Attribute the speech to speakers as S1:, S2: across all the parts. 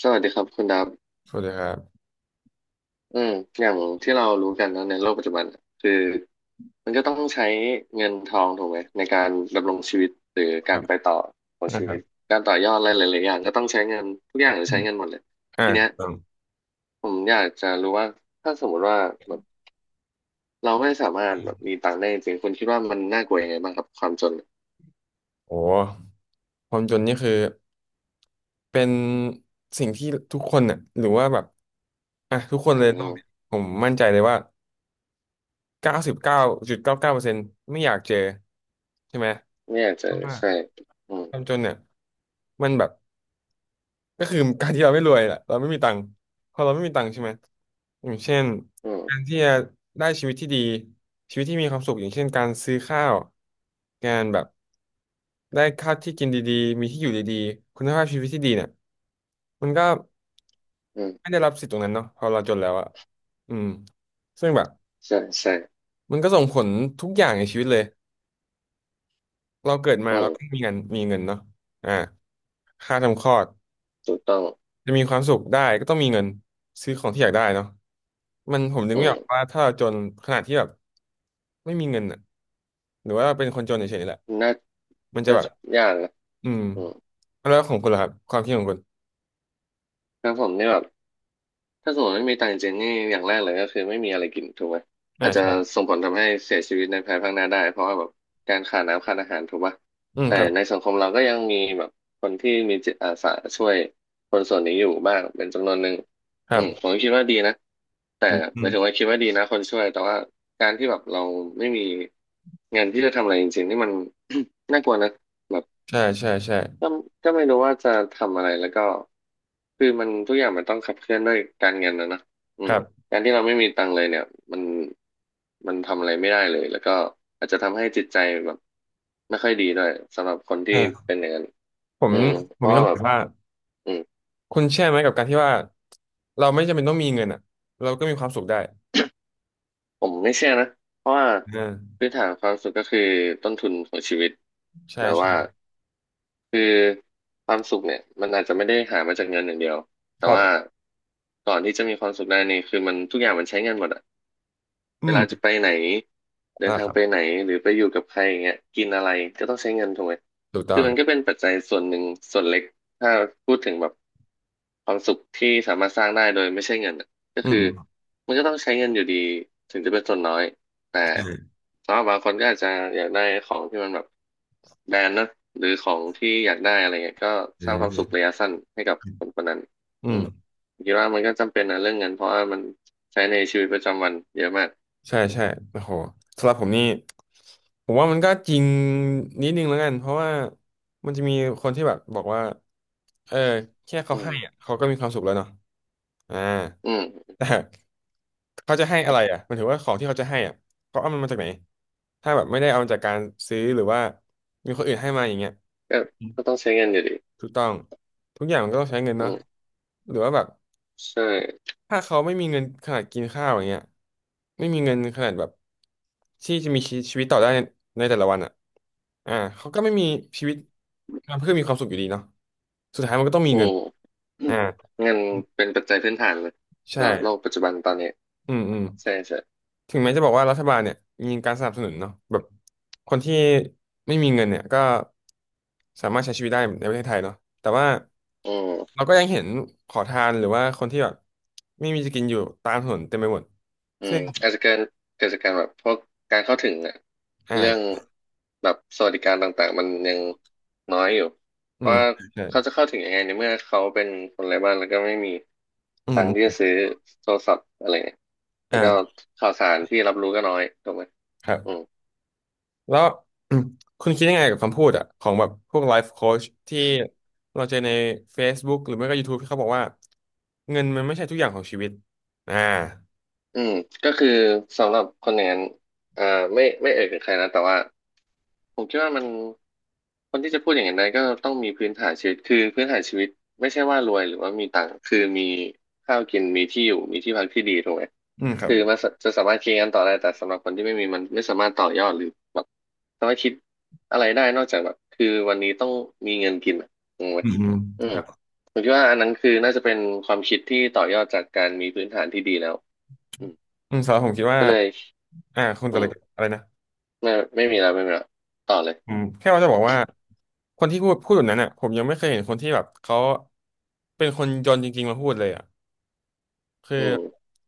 S1: สวัสดีครับคุณดับ
S2: สวัสดีครับ
S1: อืมอย่างที่เรารู้กันนะในโลกปัจจุบันน่ะคือมันก็ต้องใช้เงินทองถูกไหมในการดำรงชีวิตหรือ
S2: ค
S1: กา
S2: รั
S1: ร
S2: บ
S1: ไปต่อของ
S2: นะ
S1: ชี
S2: ครั
S1: วิต
S2: บ
S1: การต่อยอดอะไรหลายๆอย่างก็ต้องใช้เงินทุกอย่างจะ
S2: อื
S1: ใช้
S2: ม
S1: เงินหมดเลย
S2: อ่า
S1: ทีเนี้ย
S2: ครับ
S1: ผมอยากจะรู้ว่าถ้าสมมติว่าแบบเราไม่สามารถแบบมีตังค์ได้จริงคุณคิดว่ามันน่ากลัวยังไงบ้างครับความจน
S2: โอ้ความจนนี่คือ เป็นสิ่งที่ทุกคนน่ะหรือว่าแบบ อ่ะ ทุกคน
S1: อื
S2: เล
S1: ม
S2: ยโล
S1: อ
S2: กเนี่ยผมมั่นใจเลยว่า99.99%ไม่อยากเจอ ใช่ไหม
S1: ไม่อยากจะ
S2: เพราะว่า
S1: ใช่อืม
S2: ความจนเนี่ย มันแบบ ก็คือการที่เราไม่รวยแหละเราไม่มีตังค์พอเราไม่มีตังค์ใช่ไหมอย่างเช่น
S1: อืม
S2: การที่จะได้ชีวิตที่ดีชีวิตที่มีความสุขอย่างเช่นการซื้อข้าวการแบบได้ข้าวที่กินดีๆมีที่อยู่ดีๆคุณภาพชีวิตที่ดีเนี่ยมันก็
S1: อื
S2: ไม่
S1: ม
S2: ได้รับสิทธิ์ตรงนั้นเนาะพอเราจนแล้วอะอืมซึ่งแบบ
S1: ใช่ใช่
S2: มันก็ส่งผลทุกอย่างในชีวิตเลยเราเกิดมา
S1: อื
S2: เรา
S1: ม
S2: ก็มีเงินเนาะอ่าค่าทำคลอด
S1: ถูกต้อง
S2: จะมีความสุขได้ก็ต้องมีเงินซื้อของที่อยากได้เนาะมันผมนึก
S1: อื
S2: ไม่ออกว่า
S1: ม
S2: ถ้าเราจนขนาดที่แบบไม่มีเงินอ่ะหรือว่าเป็นคนจนเฉยๆแหละ
S1: น่า
S2: มันจะ
S1: น่า
S2: แบบ
S1: จะยากนะ
S2: อืมแล้วของคุณล่ะครับความคิดของคุณ
S1: ครับผมนี่แบบถ้าสมมติไม่มีตังค์จริงๆนี่อย่างแรกเลยก็คือไม่มีอะไรกินถูกไหม
S2: อ่า
S1: อาจจะ
S2: ใช่
S1: ส่งผลทำให้เสียชีวิตในภายภาคหน้าได้เพราะว่าแบบการขาดน้ำขาดอาหารถูกปะ
S2: อืม
S1: แต่
S2: ครับ
S1: ในสังคมเราก็ยังมีแบบคนที่มีจิตอาสาช่วยคนส่วนนี้อยู่บ้างเป็นจำนวนหนึ่ง
S2: ค
S1: อื
S2: รั
S1: มผม
S2: บ
S1: ก็คิดว่าดีนะแต่
S2: อืมอื
S1: หมา
S2: ม
S1: ยถึงว่าคิดว่าดีนะคนช่วยแต่ว่าการที่แบบเราไม่มีเงินที่จะทำอะไรจริงๆนี่มัน น่ากลัวนะ
S2: ใช่ใช่ใช่
S1: ก็ก็ไม่รู้ว่าจะทำอะไรแล้วก็คือมันทุกอย่างมันต้องขับเคลื่อนด้วยการเงินนะเนอะอื
S2: ค
S1: ม
S2: รับ
S1: การที่เราไม่มีตังค์เลยเนี่ยมันมันทำอะไรไม่ได้เลยแล้วก็อาจจะทำให้จิตใจแบบไม่ค่อยดีด้วยสำหรับคนที่
S2: เออ
S1: เป็นอย่างนั้น
S2: ผม
S1: อืม
S2: ผ
S1: เพ
S2: ม
S1: ราะ
S2: มี
S1: ว่า
S2: คำ
S1: แบบ
S2: ถามว่า
S1: อืม
S2: คุณเชื่อไหมกับการที่ว่าเราไม่จำเป็นต้องมีเงินอ่ะเราก็มีความสุขได้
S1: ผมไม่เชื่อนะเพราะว่า
S2: อ่า
S1: พื้นฐานความสุขก็คือต้นทุนของชีวิต
S2: ใช่
S1: แบบว่า
S2: ใช่
S1: คือความสุขเนี่ยมันอาจจะไม่ได้หามาจากเงินอย่างเดียวแต่
S2: ครั
S1: ว่า
S2: บ
S1: ก่อนที่จะมีความสุขได้นี่คือมันทุกอย่างมันใช้เงินหมดอะ
S2: อื
S1: เว
S2: ม
S1: ลาจะไปไหนเดิ
S2: อ่า
S1: นทา
S2: ค
S1: ง
S2: รั
S1: ไปไหน
S2: บ
S1: หรือไปอยู่กับใครอย่างเงี้ยกินอะไรก็ต้องใช้เงินถูกไหม
S2: ถูกต้
S1: คื
S2: อ
S1: อ
S2: ง
S1: มันก็เป็นปัจจัยส่วนหนึ่งส่วนเล็กถ้าพูดถึงแบบความสุขที่สามารถสร้างได้โดยไม่ใช่เงินอะก็
S2: อื
S1: คือ
S2: ม
S1: มันก็ต้องใช้เงินอยู่ดีถึงจะเป็นส่วนน้อยแต่
S2: ใช่
S1: สำหรับบางคนก็อาจจะอยากได้ของที่มันแบบแบรนด์เนอะหรือของที่อยากได้อะไรเงี้ยก็
S2: เอื
S1: สร้างความสุข
S2: ม
S1: ระยะสั้นให้กับคนคนนั้น
S2: อื
S1: อื
S2: ม
S1: มคิดว่ามันก็จำเป็นนะเรื่องเงินเพราะว่ามันใช้ในชีวิตประจำวันเยอะมาก
S2: ใช่
S1: อืม
S2: ใช่โอ้โหสำหรับผมนี่ผมว่ามันก็จริงนิดนึงแล้วกันเพราะว่ามันจะมีคนที่แบบบอกว่าเออแค่เขา
S1: อืม
S2: ให้อะเขาก็มีความสุขแล้วเนาะอ่า
S1: อืม
S2: แต่เขาจะให้อะไรอ่ะหมันถือว่าของที่เขาจะให้อ่ะเขาเอามันมาจากไหนถ้าแบบไม่ได้เอามาจากการซื้อหรือว่ามีคนอื่นให้มาอย่างเงี้ย
S1: ก็ก็ต้องใช้เงินอยู่ดี
S2: ถูกต้องทุกอย่างมันก็ต้องใช้เงิน
S1: อื
S2: เนาะ
S1: ม
S2: หรือว่าแบบ
S1: ใช่
S2: ถ้าเขาไม่มีเงินขนาดกินข้าวอย่างเงี้ยไม่มีเงินขนาดแบบที่จะมีชีวิตต่อได้ในแต่ละวันอ่ะอ่าเขาก็ไม่มีชีวิตเพื่อมีความสุขอยู่ดีเนาะสุดท้ายมันก็ต้องมี
S1: อื
S2: เงิน
S1: มอืม
S2: อ่า
S1: เงินเป็นปัจจัยพื้นฐานเลย
S2: ใช่
S1: สำหรับโลกปัจจุบันตอนนี้
S2: อืมอืม
S1: ใช่ใช่
S2: ถึงแม้จะบอกว่ารัฐบาลเนี่ยมีการสนับสนุนเนาะแบบคนที่ไม่มีเงินเนี่ยก็สามารถใช้ชีวิตได้ในประเทศไทยเนาะแต่ว่า
S1: อืม
S2: เราก็ยังเห็นขอทานหรือว่าคนที่แบบไม่มีจะกินอยู่ตามถนนเต็มไปหมด
S1: อื
S2: ซึ่
S1: ม
S2: ง
S1: อาจจะเกิดจากการแบบพวกการเข้าถึงอะ
S2: อ่
S1: เรื่อง
S2: า
S1: แบบสวัสดิการต่างๆมันยังน้อยอยู่เพ
S2: อื
S1: ราะ
S2: ม
S1: ว่า
S2: ใช่
S1: เขาจะเข้าถึงยังไงในเมื่อเขาเป็นคนไร้บ้านแล้วก็ไม่มี
S2: อื
S1: ตังค์ที่จะ
S2: ม
S1: ซื้อโทรศัพท์อะไรเนี่ยแล้วก็
S2: อ่า
S1: ข่าวสารที่รับรู้ก็น้อยถูกไหม
S2: ครั
S1: อืม
S2: บแล้ว คุณคิดยังไงกับคำพูดอ่ะของแบบพวกไลฟ์โค้ชที่เราเจอใน Facebook หรือไม่ก็ YouTube ที่เขาบอกว่าเงินมันไม่ใช่ทุกอย่างของชีวิตอ่า
S1: อืมก็คือสำหรับคนอย่างนั้นอ่าไม่เอ่ยถึงใครนะแต่ว่าผมคิดว่ามันคนที่จะพูดอย่างนั้นได้ก็ต้องมีพื้นฐานชีวิตคือพื้นฐานชีวิตไม่ใช่ว่ารวยหรือว่ามีตังค์คือมีข้าวกินมีที่อยู่มีที่พักที่ดีถูกไหม
S2: อืมครับ
S1: คือมันสะจะสามารถคิดกันต่อได้แต่สำหรับคนที่ไม่มีมันไม่สามารถต่อยอดหรือแบบสามารถคิดอะไรได้นอกจากแบบคือวันนี้ต้องมีเงินกินอะงงไหม
S2: อืมอืม
S1: อื
S2: ค
S1: ม
S2: รับ
S1: ผมคิดว่าอันนั้นคือน่าจะเป็นความคิดที่ต่อยอดจากการมีพื้นฐานที่ดีแล้ว
S2: อืมสำหรับผมคิดว่า
S1: ก็เลย
S2: อ่าคุณจะ
S1: อื
S2: อะไร
S1: ม
S2: อะไรนะ
S1: ไม่มีแล้วไม่มีแล้วต่อเลย
S2: อืมแค่ว่าจะบอกว่าคนที่พูดแบบนั้นอ่ะผมยังไม่เคยเห็นคนที่แบบเขาเป็นคนจนจริงๆมาพูดเลยอ่ะ คือ
S1: อืม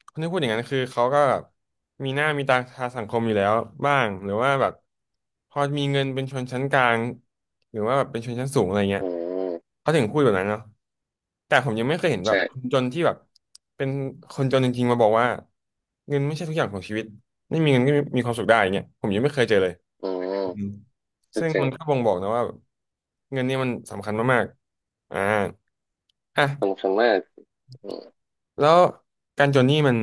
S2: คนที่พูดอย่างนั้นคือเขาก็มีหน้ามีตาทางสังคมอยู่แล้วบ้างหรือว่าแบบพอมีเงินเป็นชนชั้นกลางหรือว่าแบบเป็นชนชั้นสูงอะไรเงี้ย
S1: อืม
S2: เขาถึงพูดแบบนั้นเนาะแต่ผมยังไม่เคยเห็นแบบคน
S1: ใช่
S2: จนที่แบบเป็นคนจนจริงๆมาบอกว่าเงินไม่ใช่ทุกอย่างของชีวิตไม่มีเงินก็มีความสุขได้อย่างเงี้ยผมยังไม่เคยเจอเลย
S1: อืม
S2: อืม
S1: คือ
S2: ซึ่ง
S1: ถึง
S2: มันก็บ่งบอกนะว่าแบบเงินเนี่ยมันสำคัญมากๆอ่าอ่ะ
S1: สำคัญมากอืม
S2: แล้วการจนนี่มัน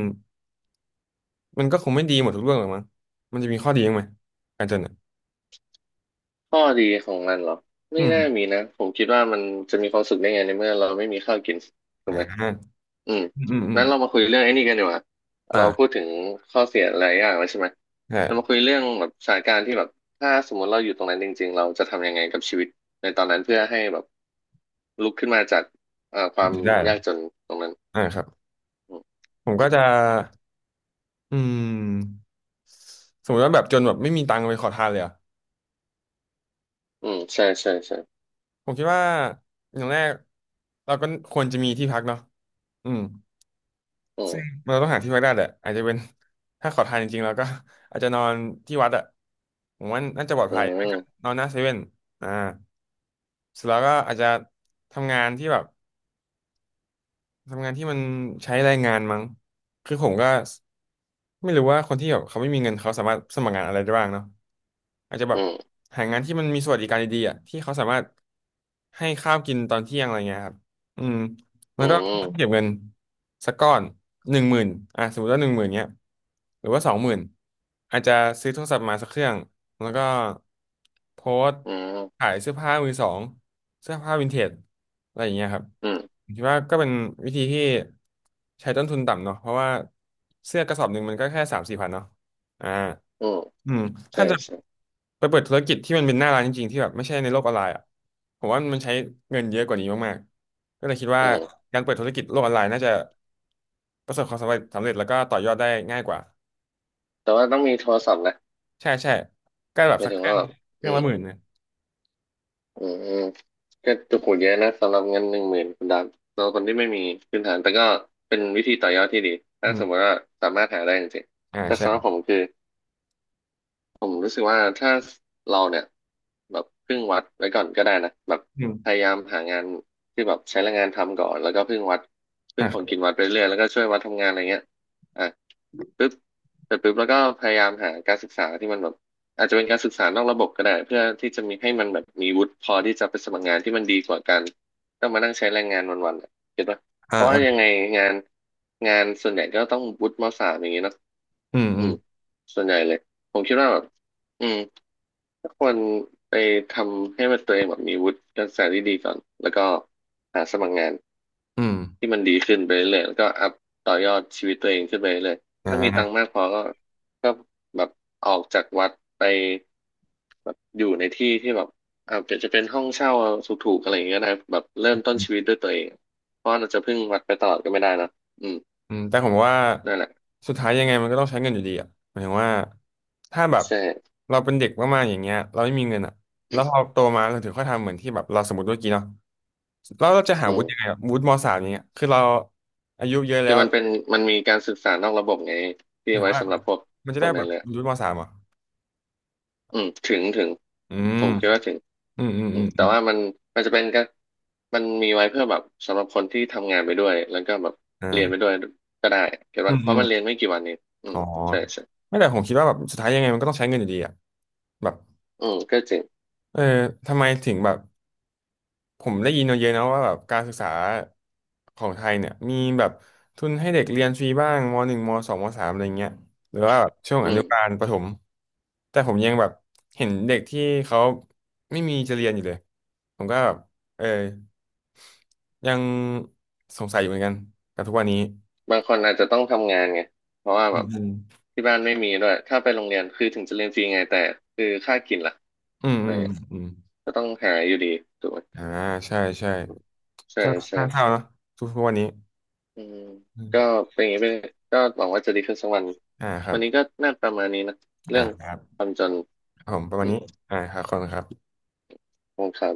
S2: มันก็คงไม่ดีหมดทุกเรื่องหรอกมั้งมันจะมีข้อดีบ้างไหมการจนอะ
S1: ข้อดีของมันเหรอไม่
S2: อืม
S1: น่ามีนะผมคิดว่ามันจะมีความสุขได้ไงในเมื่อเราไม่มีข้าวกินถูก
S2: อ่
S1: ไหม
S2: า
S1: อืม
S2: อืมอืมอืม
S1: นั้นเรามาคุยเรื่องไอ้นี่กันดีกว่าเราพู
S2: อ่า
S1: ดถึงข้อเสียหลายอย่างแล้วใช่ไหมเรามา
S2: ใช่
S1: คุยเรื่องแบบสถานการณ์ที่แบบถ้าสมมติเราอยู่ตรงนั้นจริงๆเราจะทำยังไงกับชีวิตในตอนนั้นเพื่อให้แบบลุกขึ้นมาจากความ
S2: ได้เหร
S1: ยา
S2: อ
S1: กจนตรงนั้น
S2: อ่าครับผมก็จะอืมสมมติว่าแบบจนแบบไม่มีตังค์ไปขอทานเลยอ่ะ
S1: อืมใช่ใช่ใช่
S2: ผมคิดว่าอย่างแรกเราก็ควรจะมีที่พักเนาะอืม
S1: อืม
S2: ซึ่งเราต้องหาที่พักได้แหละอาจจะเป็น ถ้าขอทานจริงๆเราก็ อาจจะนอนที่วัดอ่ะผมว่าน่าจะปลอด
S1: อื
S2: ภัยไม่ก็
S1: ม
S2: นอนหน้าเซเว่นอ่าเสร็จแล้วก็อาจจะทำงานที่แบบ ทำงานที่มันใช้แรงงานมั้งคือผมก็ไม่รู้ว่าคนที่แบบเขาไม่มีเงินเขาสามารถสมัครงานอะไรได้บ้างเนาะอาจจะแบ
S1: อื
S2: บ
S1: ม
S2: หางานที่มันมีสวัสดิการดีๆอ่ะที่เขาสามารถให้ข้าวกินตอนเที่ยงอะไรเงี้ยครับอืมแล้
S1: อื
S2: วก็เก็บ
S1: ม
S2: เงินสักก้อนหนึ่งหมื่นอ่ะสมมติว่าหนึ่งหมื่นเนี้ยหรือว่า20,000อาจจะซื้อโทรศัพท์มาสักเครื่องแล้วก็โพสต์
S1: อื
S2: ขา
S1: ม
S2: ยเสื้อผ้ามือสองเสื้อผ้าวินเทจ อะไรอย่างเงี้ยครับ
S1: อืม
S2: ผมคิดว่าก็เป็นวิธีที่ใช้ต้นทุนต่ำเนาะเพราะว่าเสื้อกระสอบหนึ่งมันก็แค่3-4 พันเนาะอ่า
S1: อืม
S2: อืม
S1: ใช่
S2: ถ้าจะ
S1: ใช่
S2: ไปเปิดธุรกิจที่มันเป็นหน้าร้านจริงๆที่แบบไม่ใช่ในโลกออนไลน์อ่ะผมว่ามันใช้เงินเยอะกว่านี้มากๆก็เลยคิดว่า
S1: อืม
S2: การเปิดธุรกิจโลกออนไลน์น่าจะประสบความสำเร็จแล้วก็ต่อยอดได้ง่ายกว่า
S1: แต่ว่าต้องมีโทรศัพท์นะ
S2: ใช่ใช่ก็แบบ
S1: หมา
S2: สั
S1: ย
S2: ก
S1: ถึ
S2: เค
S1: ง
S2: รื่อ
S1: ว่า
S2: ง
S1: แบบ
S2: เครื่
S1: อื
S2: อง
S1: ม
S2: ละ10,000นะ
S1: อืมอืมก็จุกหูเยอะนะสำหรับเงิน10,000คุณดามสำหรับคนที่ไม่มีพื้นฐานแต่ก็เป็นวิธีต่อยอดที่ดีถ้า
S2: อื
S1: สมม
S2: ม
S1: ติว่าสามารถหาได้จริง
S2: อ่า
S1: ๆแต่
S2: ใช่
S1: สำหรับผมคือ ผมรู้สึกว่าถ้าเราเนี่ยแบบพึ่งวัดไว้ก่อนก็ได้นะแบบ
S2: อื
S1: พ
S2: ม
S1: ยายามหางานที่แบบใช้แรงงานทำก่อนแล้วก็พึ่งของกิ
S2: อ่า
S1: นวัดไปเรื่อยแล้วก็ช่วยวัดทำงานอะไรเงี้ยอ่ะปึ๊บเสร็จปึ๊บแล้วก็พยายามหาการศึกษาที่มันแบบอาจจะเป็นการศึกษานอกระบบก็ได้เพื่อที่จะมีให้มันแบบมีวุฒิพอที่จะไปสมัครงานที่มันดีกว่าการต้องมานั่งใช้แรงงานวันๆอะเก็ตปะ
S2: อ่า
S1: เพราะว่ายัง
S2: อ่า
S1: ไงงานงานส่วนใหญ่ก็ต้องวุฒิมสามอย่างงี้เนอะ
S2: อืม
S1: อื
S2: อืม
S1: มส่วนใหญ่เลยผมคิดว่าแบบอืมถ้าควรไปทำให้มันตัวเองแบบมีวุฒิการศึกษาที่ดีก่อนแล้วก็หาสมัครงาน
S2: อืม
S1: ที่มันดีขึ้นไปเรื่อยแล้วก็อัพต่อยอดชีวิตตัวเองขึ้นไปเรื่อย
S2: อ
S1: ถ้ามีตังค์
S2: ่า
S1: มากพอก็แบบออกจากวัดไปแบบอยู่ในที่ที่แบบอาจจะเป็นห้องเช่าถูกๆอะไรอย่างเงี้ยนะแบบเริ่มต้นชีวิตด้วยตัวเองเพราะเราจะพึ่งวัดไปตลอดก็ไม่ได้นอะอืม
S2: อืมแต่ผมว่า
S1: นั่นแหละ
S2: สุดท้ายยังไงมันก็ต้องใช้เงินอยู่ดีอ่ะหมายถึงว่าถ้าแบบ
S1: ใช่
S2: เราเป็นเด็กมากๆอย่างเงี้ยเราไม่มีเงินอ่ะแล้วพอโตมาเราถึงค่อยทำเหมือนที่แบบเราสมมติเมื่อกี้เนาะแล้วเราจะหา
S1: อื
S2: วุ
S1: ม
S2: ฒิยังไงอะวุฒิมสามอย่างเงี้ยคือเราอายุเยอะ
S1: คื
S2: แล้
S1: อ
S2: ว
S1: มันเป็นมีการศึกษานอกระบบไง
S2: ห
S1: ที่
S2: มายถึง
S1: ไว้
S2: ว่า
S1: สำหรับพวก
S2: มันจะ
S1: ค
S2: ได้
S1: น
S2: แบ
S1: นั้น
S2: บ
S1: เลยอ
S2: วุฒิมสามเหรอ่ะ
S1: อืมถึง
S2: อื
S1: ผ
S2: ม
S1: มคิดว่าถึง
S2: อืมอืม
S1: อื
S2: อื
S1: ม
S2: ม
S1: แต่
S2: อืม
S1: ว่ามันจะเป็นก็มันมีไว้เพื่อแบบสำหรับคนที่ทำงานไปด้วยแล้วก็แบบเรียนไปด้
S2: อ่า
S1: วยก็ได้เก็ต
S2: อื
S1: ปะ
S2: ม
S1: เพ
S2: อื
S1: ราะ
S2: ม
S1: มันเรียนไม่กี่วันเองอืม
S2: อ๋อ
S1: ใช่ใช่
S2: ไม่แต่ผมคิดว่าแบบสุดท้ายยังไงมันก็ต้องใช้เงินอยู่ดีอ่ะแบบ
S1: อืมก็จริง
S2: เออทำไมถึงแบบ ผมได้ยินมาเยอะนะว่าแบบการศึกษาของไทยเนี่ยมีแบบทุนให้เด็กเรียนฟรีบ้างม.1 ม.2 ม.3อะไรเงี้ยหรือว่าแบบช่วง
S1: อื
S2: อนุบา
S1: ม
S2: ลประถมแต่ผมยังแบบเห็นเด็กที่เขาไม่มีจะเรียนอยู่เลยผมก็แบบเออยังสงสัยอยู่เหมือนกันกับทุกวันนี้
S1: บางคนอาจจะต้องทำงานไงเพราะว่า
S2: อื
S1: แบบ
S2: ม
S1: ที่บ้านไม่มีด้วยถ้าไปโรงเรียนคือถึงจะเรียนฟรีไงแต่คือค่ากินล่ะ
S2: อืม
S1: อะ
S2: อื
S1: ไร
S2: มอื
S1: เงี้ย
S2: มอืม
S1: ก็ต้องหาอยู่ดีถูกไหม
S2: อ่าใช่ใช่
S1: ใช่
S2: ก็
S1: ใช่
S2: น่าเศร้าเนาะทุกวันนี้
S1: อืม
S2: อืม
S1: ก็เป็นอย่างนี้ไปเลยก็หวังว่าจะดีขึ้นสักวัน
S2: อ่าครั
S1: วั
S2: บ
S1: นนี้ก็น่าประมาณนี้นะเรื่
S2: อ่า
S1: อง
S2: ครับ
S1: ความจน
S2: ผมประมา
S1: อื
S2: ณ
S1: ม
S2: นี้อ่าครับขอบคุณครับ
S1: ขอบคุณครับ